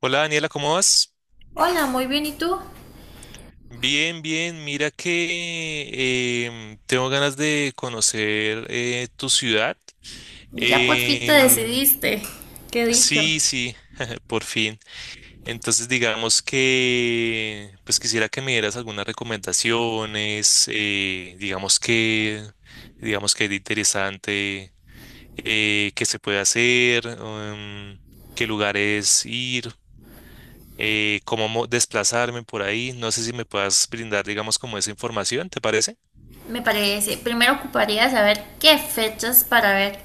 Hola, Daniela, ¿cómo vas? Hola, muy bien, ¿y tú? Bien, bien. Mira que tengo ganas de conocer tu ciudad. Ya por fin te Em, decidiste. Qué dicho. sí, sí, por fin. Entonces digamos que pues quisiera que me dieras algunas recomendaciones, digamos que es interesante, que se puede hacer, qué lugares ir, cómo desplazarme por ahí. No sé si me puedas brindar, digamos, como esa información, ¿te parece? Me parece. Primero ocuparía saber qué fechas para ver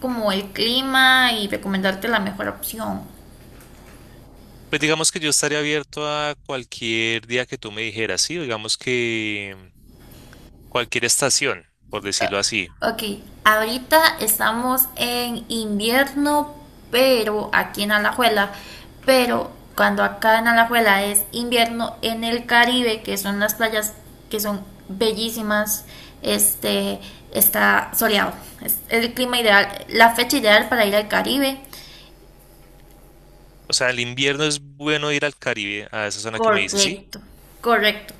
como el clima y recomendarte la mejor opción. Pues digamos que yo estaría abierto a cualquier día que tú me dijeras, sí, digamos que cualquier estación, por decirlo así. Ok, ahorita estamos en invierno, pero aquí en Alajuela, pero cuando acá en Alajuela es invierno, en el Caribe, que son las playas que son bellísimas, este está soleado. Es el clima ideal, la fecha ideal para ir al Caribe. O sea, el invierno es bueno ir al Caribe, a esa zona que me dices, sí, Correcto, correcto.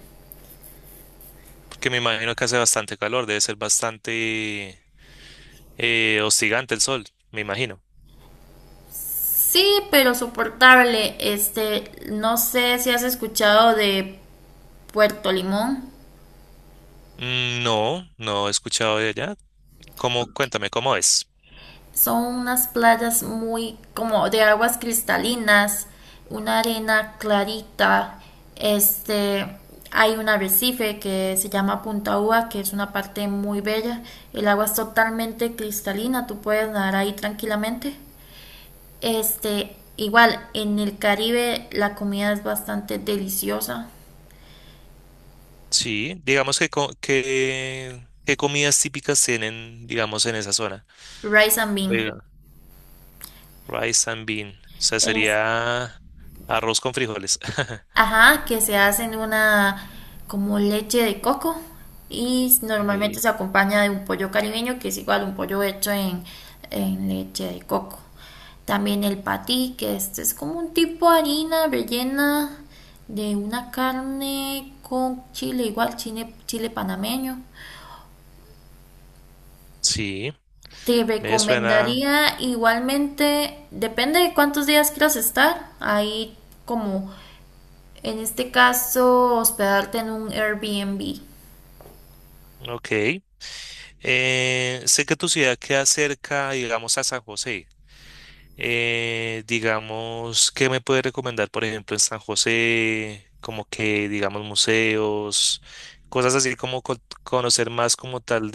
porque me imagino que hace bastante calor, debe ser bastante hostigante el sol, me imagino. Sí, pero soportable. Este, no sé si has escuchado de Puerto Limón. Mm, no, no he escuchado de allá. ¿Cómo? Cuéntame, ¿cómo es? Son unas playas muy como de aguas cristalinas, una arena clarita. Este, hay un arrecife que se llama Punta Uva, que es una parte muy bella. El agua es totalmente cristalina, tú puedes nadar ahí tranquilamente. Este, igual en el Caribe la comida es bastante deliciosa. Sí, digamos que, ¿qué comidas típicas tienen, digamos, en esa zona? Rice and bean. Oiga, rice and bean, o sea, Es sería arroz con frijoles. Ajá, que se hacen una como leche de coco y normalmente Ve, se acompaña de un pollo caribeño, que es igual un pollo hecho en leche de coco. También el patí, que este es como un tipo de harina rellena de una carne con chile, igual chile, chile panameño. sí, Te me suena, recomendaría igualmente, depende de cuántos días quieras estar, ahí como en este caso hospedarte en un Airbnb. ok. Sé que tu ciudad queda cerca, digamos, a San José. Digamos, ¿qué me puedes recomendar, por ejemplo, en San José? Como que, digamos, museos, cosas así como conocer más como tal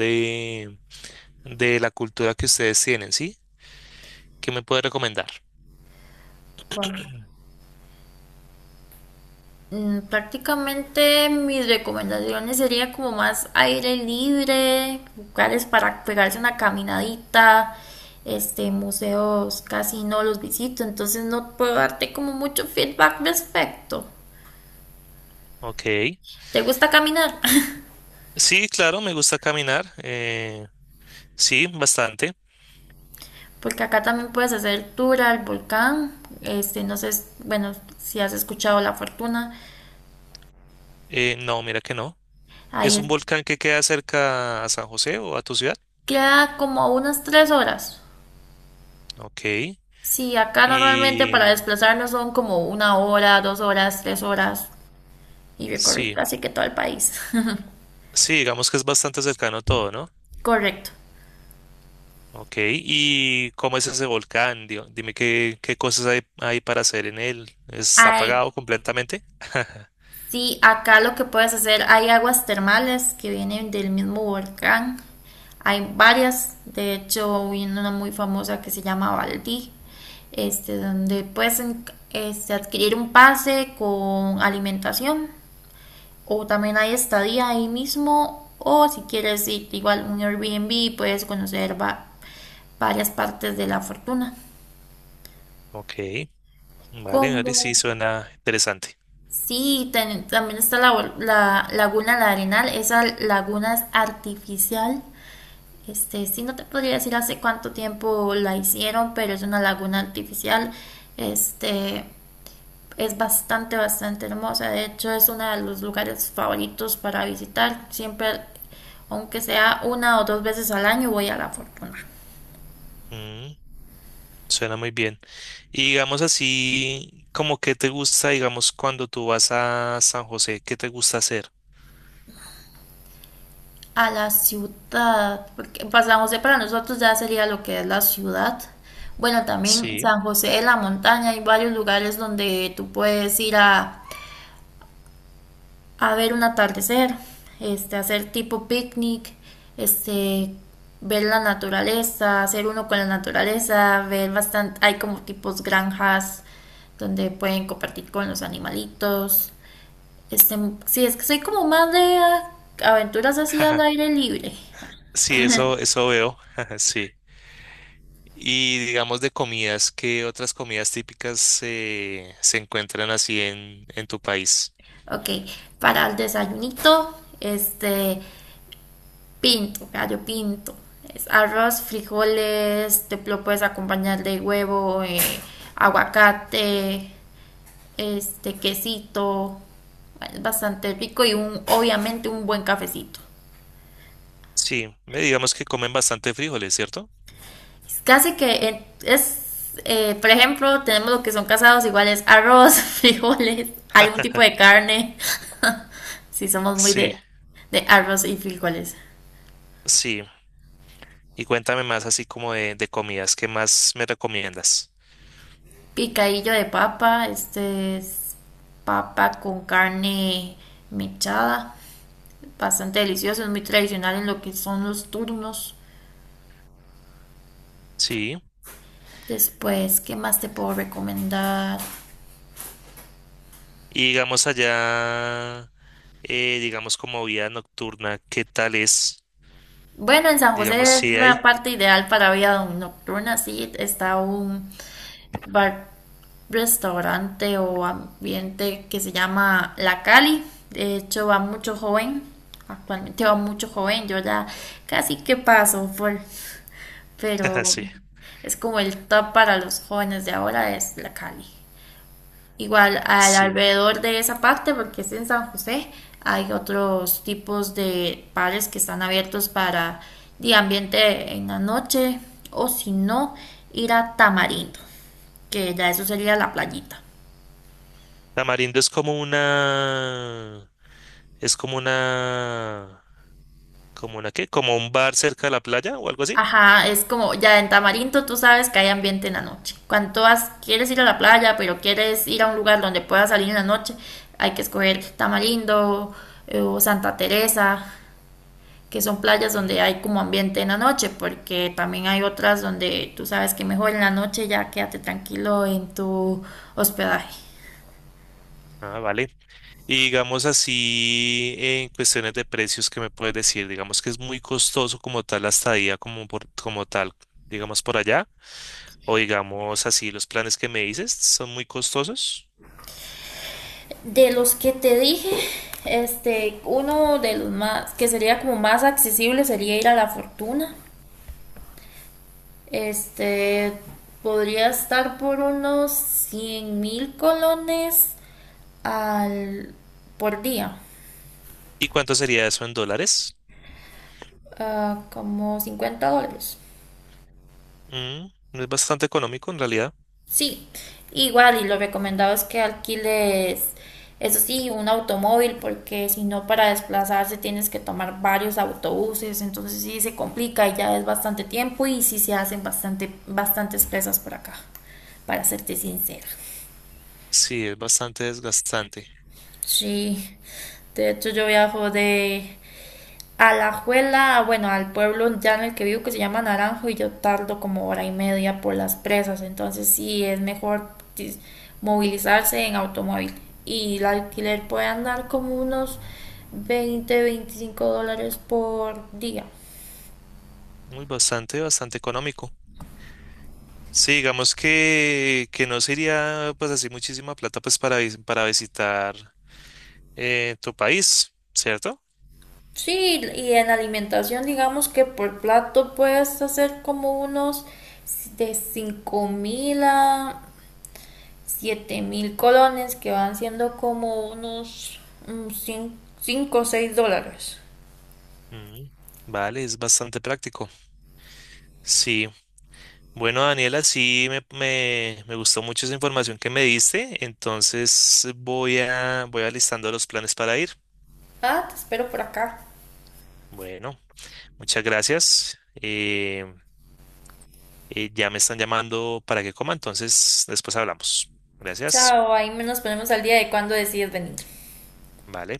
de la cultura que ustedes tienen, ¿sí? ¿Qué me puede recomendar? Wow. Prácticamente mis recomendaciones serían como más aire libre, lugares para pegarse una caminadita, este, museos casi no los visito, entonces no puedo darte como mucho feedback respecto. Ok. ¿Te gusta caminar? Sí, claro, me gusta caminar. Eh, sí, bastante. Porque acá también puedes hacer tour al volcán, este, no sé, bueno, si has escuchado La Fortuna, No, mira que no. ¿Es un ahí volcán que queda cerca a San José o a tu ciudad? queda como a unas 3 horas. Ok. Sí, acá normalmente para Y desplazarnos son como una hora, 2 horas, 3 horas y recorrer sí, casi que todo el país. sí, digamos que es bastante cercano todo, ¿no? Correcto. Ok. ¿Y cómo es ese volcán? Dime qué, qué cosas hay, hay para hacer en él. ¿Está Ay, apagado completamente? sí, acá lo que puedes hacer, hay aguas termales que vienen del mismo volcán. Hay varias, de hecho, hay una muy famosa que se llama Valdí, este, donde puedes este, adquirir un pase con alimentación o también hay estadía ahí mismo o si quieres ir igual un Airbnb puedes conocer varias partes de la fortuna. Ok. Vale, vale, sí, Como suena interesante. sí, también está la laguna La Arenal, esa laguna es artificial. Este, sí, no te podría decir hace cuánto tiempo la hicieron, pero es una laguna artificial. Este, es bastante, bastante hermosa. De hecho, es uno de los lugares favoritos para visitar. Siempre, aunque sea una o dos veces al año, voy a la fortuna. Mm. Suena muy bien. Y digamos así, como que te gusta, digamos, cuando tú vas a San José, ¿qué te gusta hacer? A la ciudad, porque para San José para nosotros ya sería lo que es la ciudad. Bueno, también Sí, San José de la Montaña, hay varios lugares donde tú puedes ir a ver un atardecer, este, hacer tipo picnic, este, ver la naturaleza, hacer uno con la naturaleza, ver bastante, hay como tipos granjas donde pueden compartir con los animalitos. Este, sí, es que soy como más de aventuras así al jaja, aire libre. sí, eso veo, sí. Y digamos de comidas, ¿qué otras comidas típicas se encuentran así en tu país? Ok, para el desayunito, este, pinto, gallo pinto. Es arroz, frijoles, te lo puedes acompañar de huevo, aguacate, este, quesito. Bueno, es bastante rico y obviamente un buen cafecito. Sí, me digamos que comen bastante frijoles, ¿cierto? Es casi que es, por ejemplo, tenemos lo que son casados, igual es arroz, frijoles, algún tipo de carne. Si somos muy Sí, de arroz y frijoles. sí. Y cuéntame más así como de comidas, ¿qué más me recomiendas? Picadillo de papa, este es papa con carne mechada, bastante delicioso, es muy tradicional en lo que son los turnos. Sí. Después, ¿qué más te puedo recomendar? Y digamos allá, digamos como vida nocturna, ¿qué tal es? Bueno, en San Digamos, José es sí la hay. parte ideal para vida nocturna, sí, está un bar, restaurante o ambiente que se llama La Cali. De hecho, va mucho joven, actualmente va mucho joven, yo ya casi que paso por, Ajá, pero sí, es como el top para los jóvenes de ahora es la Cali. Igual al sí. alrededor de esa parte, porque es en San José, hay otros tipos de bares que están abiertos para de ambiente en la noche o si no, ir a Tamarindo, que ya eso sería la playita. Tamarindo es como una qué, como un bar cerca de la playa o algo así. Ajá, es como ya en Tamarindo tú sabes que hay ambiente en la noche. Cuando tú quieres ir a la playa, pero quieres ir a un lugar donde puedas salir en la noche, hay que escoger Tamarindo o Santa Teresa, que son playas donde Ujú. hay como ambiente en la noche, porque también hay otras donde tú sabes que mejor en la noche ya quédate tranquilo en tu hospedaje. Ah, vale, y digamos así, en cuestiones de precios, ¿qué me puedes decir? Digamos que es muy costoso como tal la estadía, como, por, como tal, digamos por allá, o digamos así, los planes que me dices son muy costosos. De los que te dije, este, uno de los más que sería como más accesible sería ir a La Fortuna. Este podría estar por unos 100.000 colones al, por día, ¿Y cuánto sería eso en dólares? Como $50. Mm, es bastante económico en realidad. Sí, igual y lo recomendado es que alquiles, eso sí, un automóvil porque si no para desplazarse tienes que tomar varios autobuses, entonces sí se complica y ya es bastante tiempo y sí se hacen bastante, bastantes presas por acá, para serte sincera. Sí, es bastante desgastante. Sí, de hecho yo viajo de a la Alajuela, bueno, al pueblo ya en el que vivo que se llama Naranjo y yo tardo como hora y media por las presas, entonces sí es mejor movilizarse en automóvil y el alquiler puede andar como unos 20, $25 por día. Muy bastante, bastante económico. Sí, digamos que no sería pues así muchísima plata pues para, para visitar tu país, ¿cierto? Sí, y en alimentación digamos que por plato puedes hacer como unos de 5.000 a 7.000 colones, que van siendo como unos $5 o $6. Mm, vale, es bastante práctico. Sí. Bueno, Daniela, sí me gustó mucho esa información que me diste, entonces voy a voy alistando los planes para ir. Ah, te espero por acá. Bueno, muchas gracias. Ya me están llamando para que coma, entonces después hablamos. Gracias. Chao, ahí nos ponemos al día de cuándo decides venir. Vale.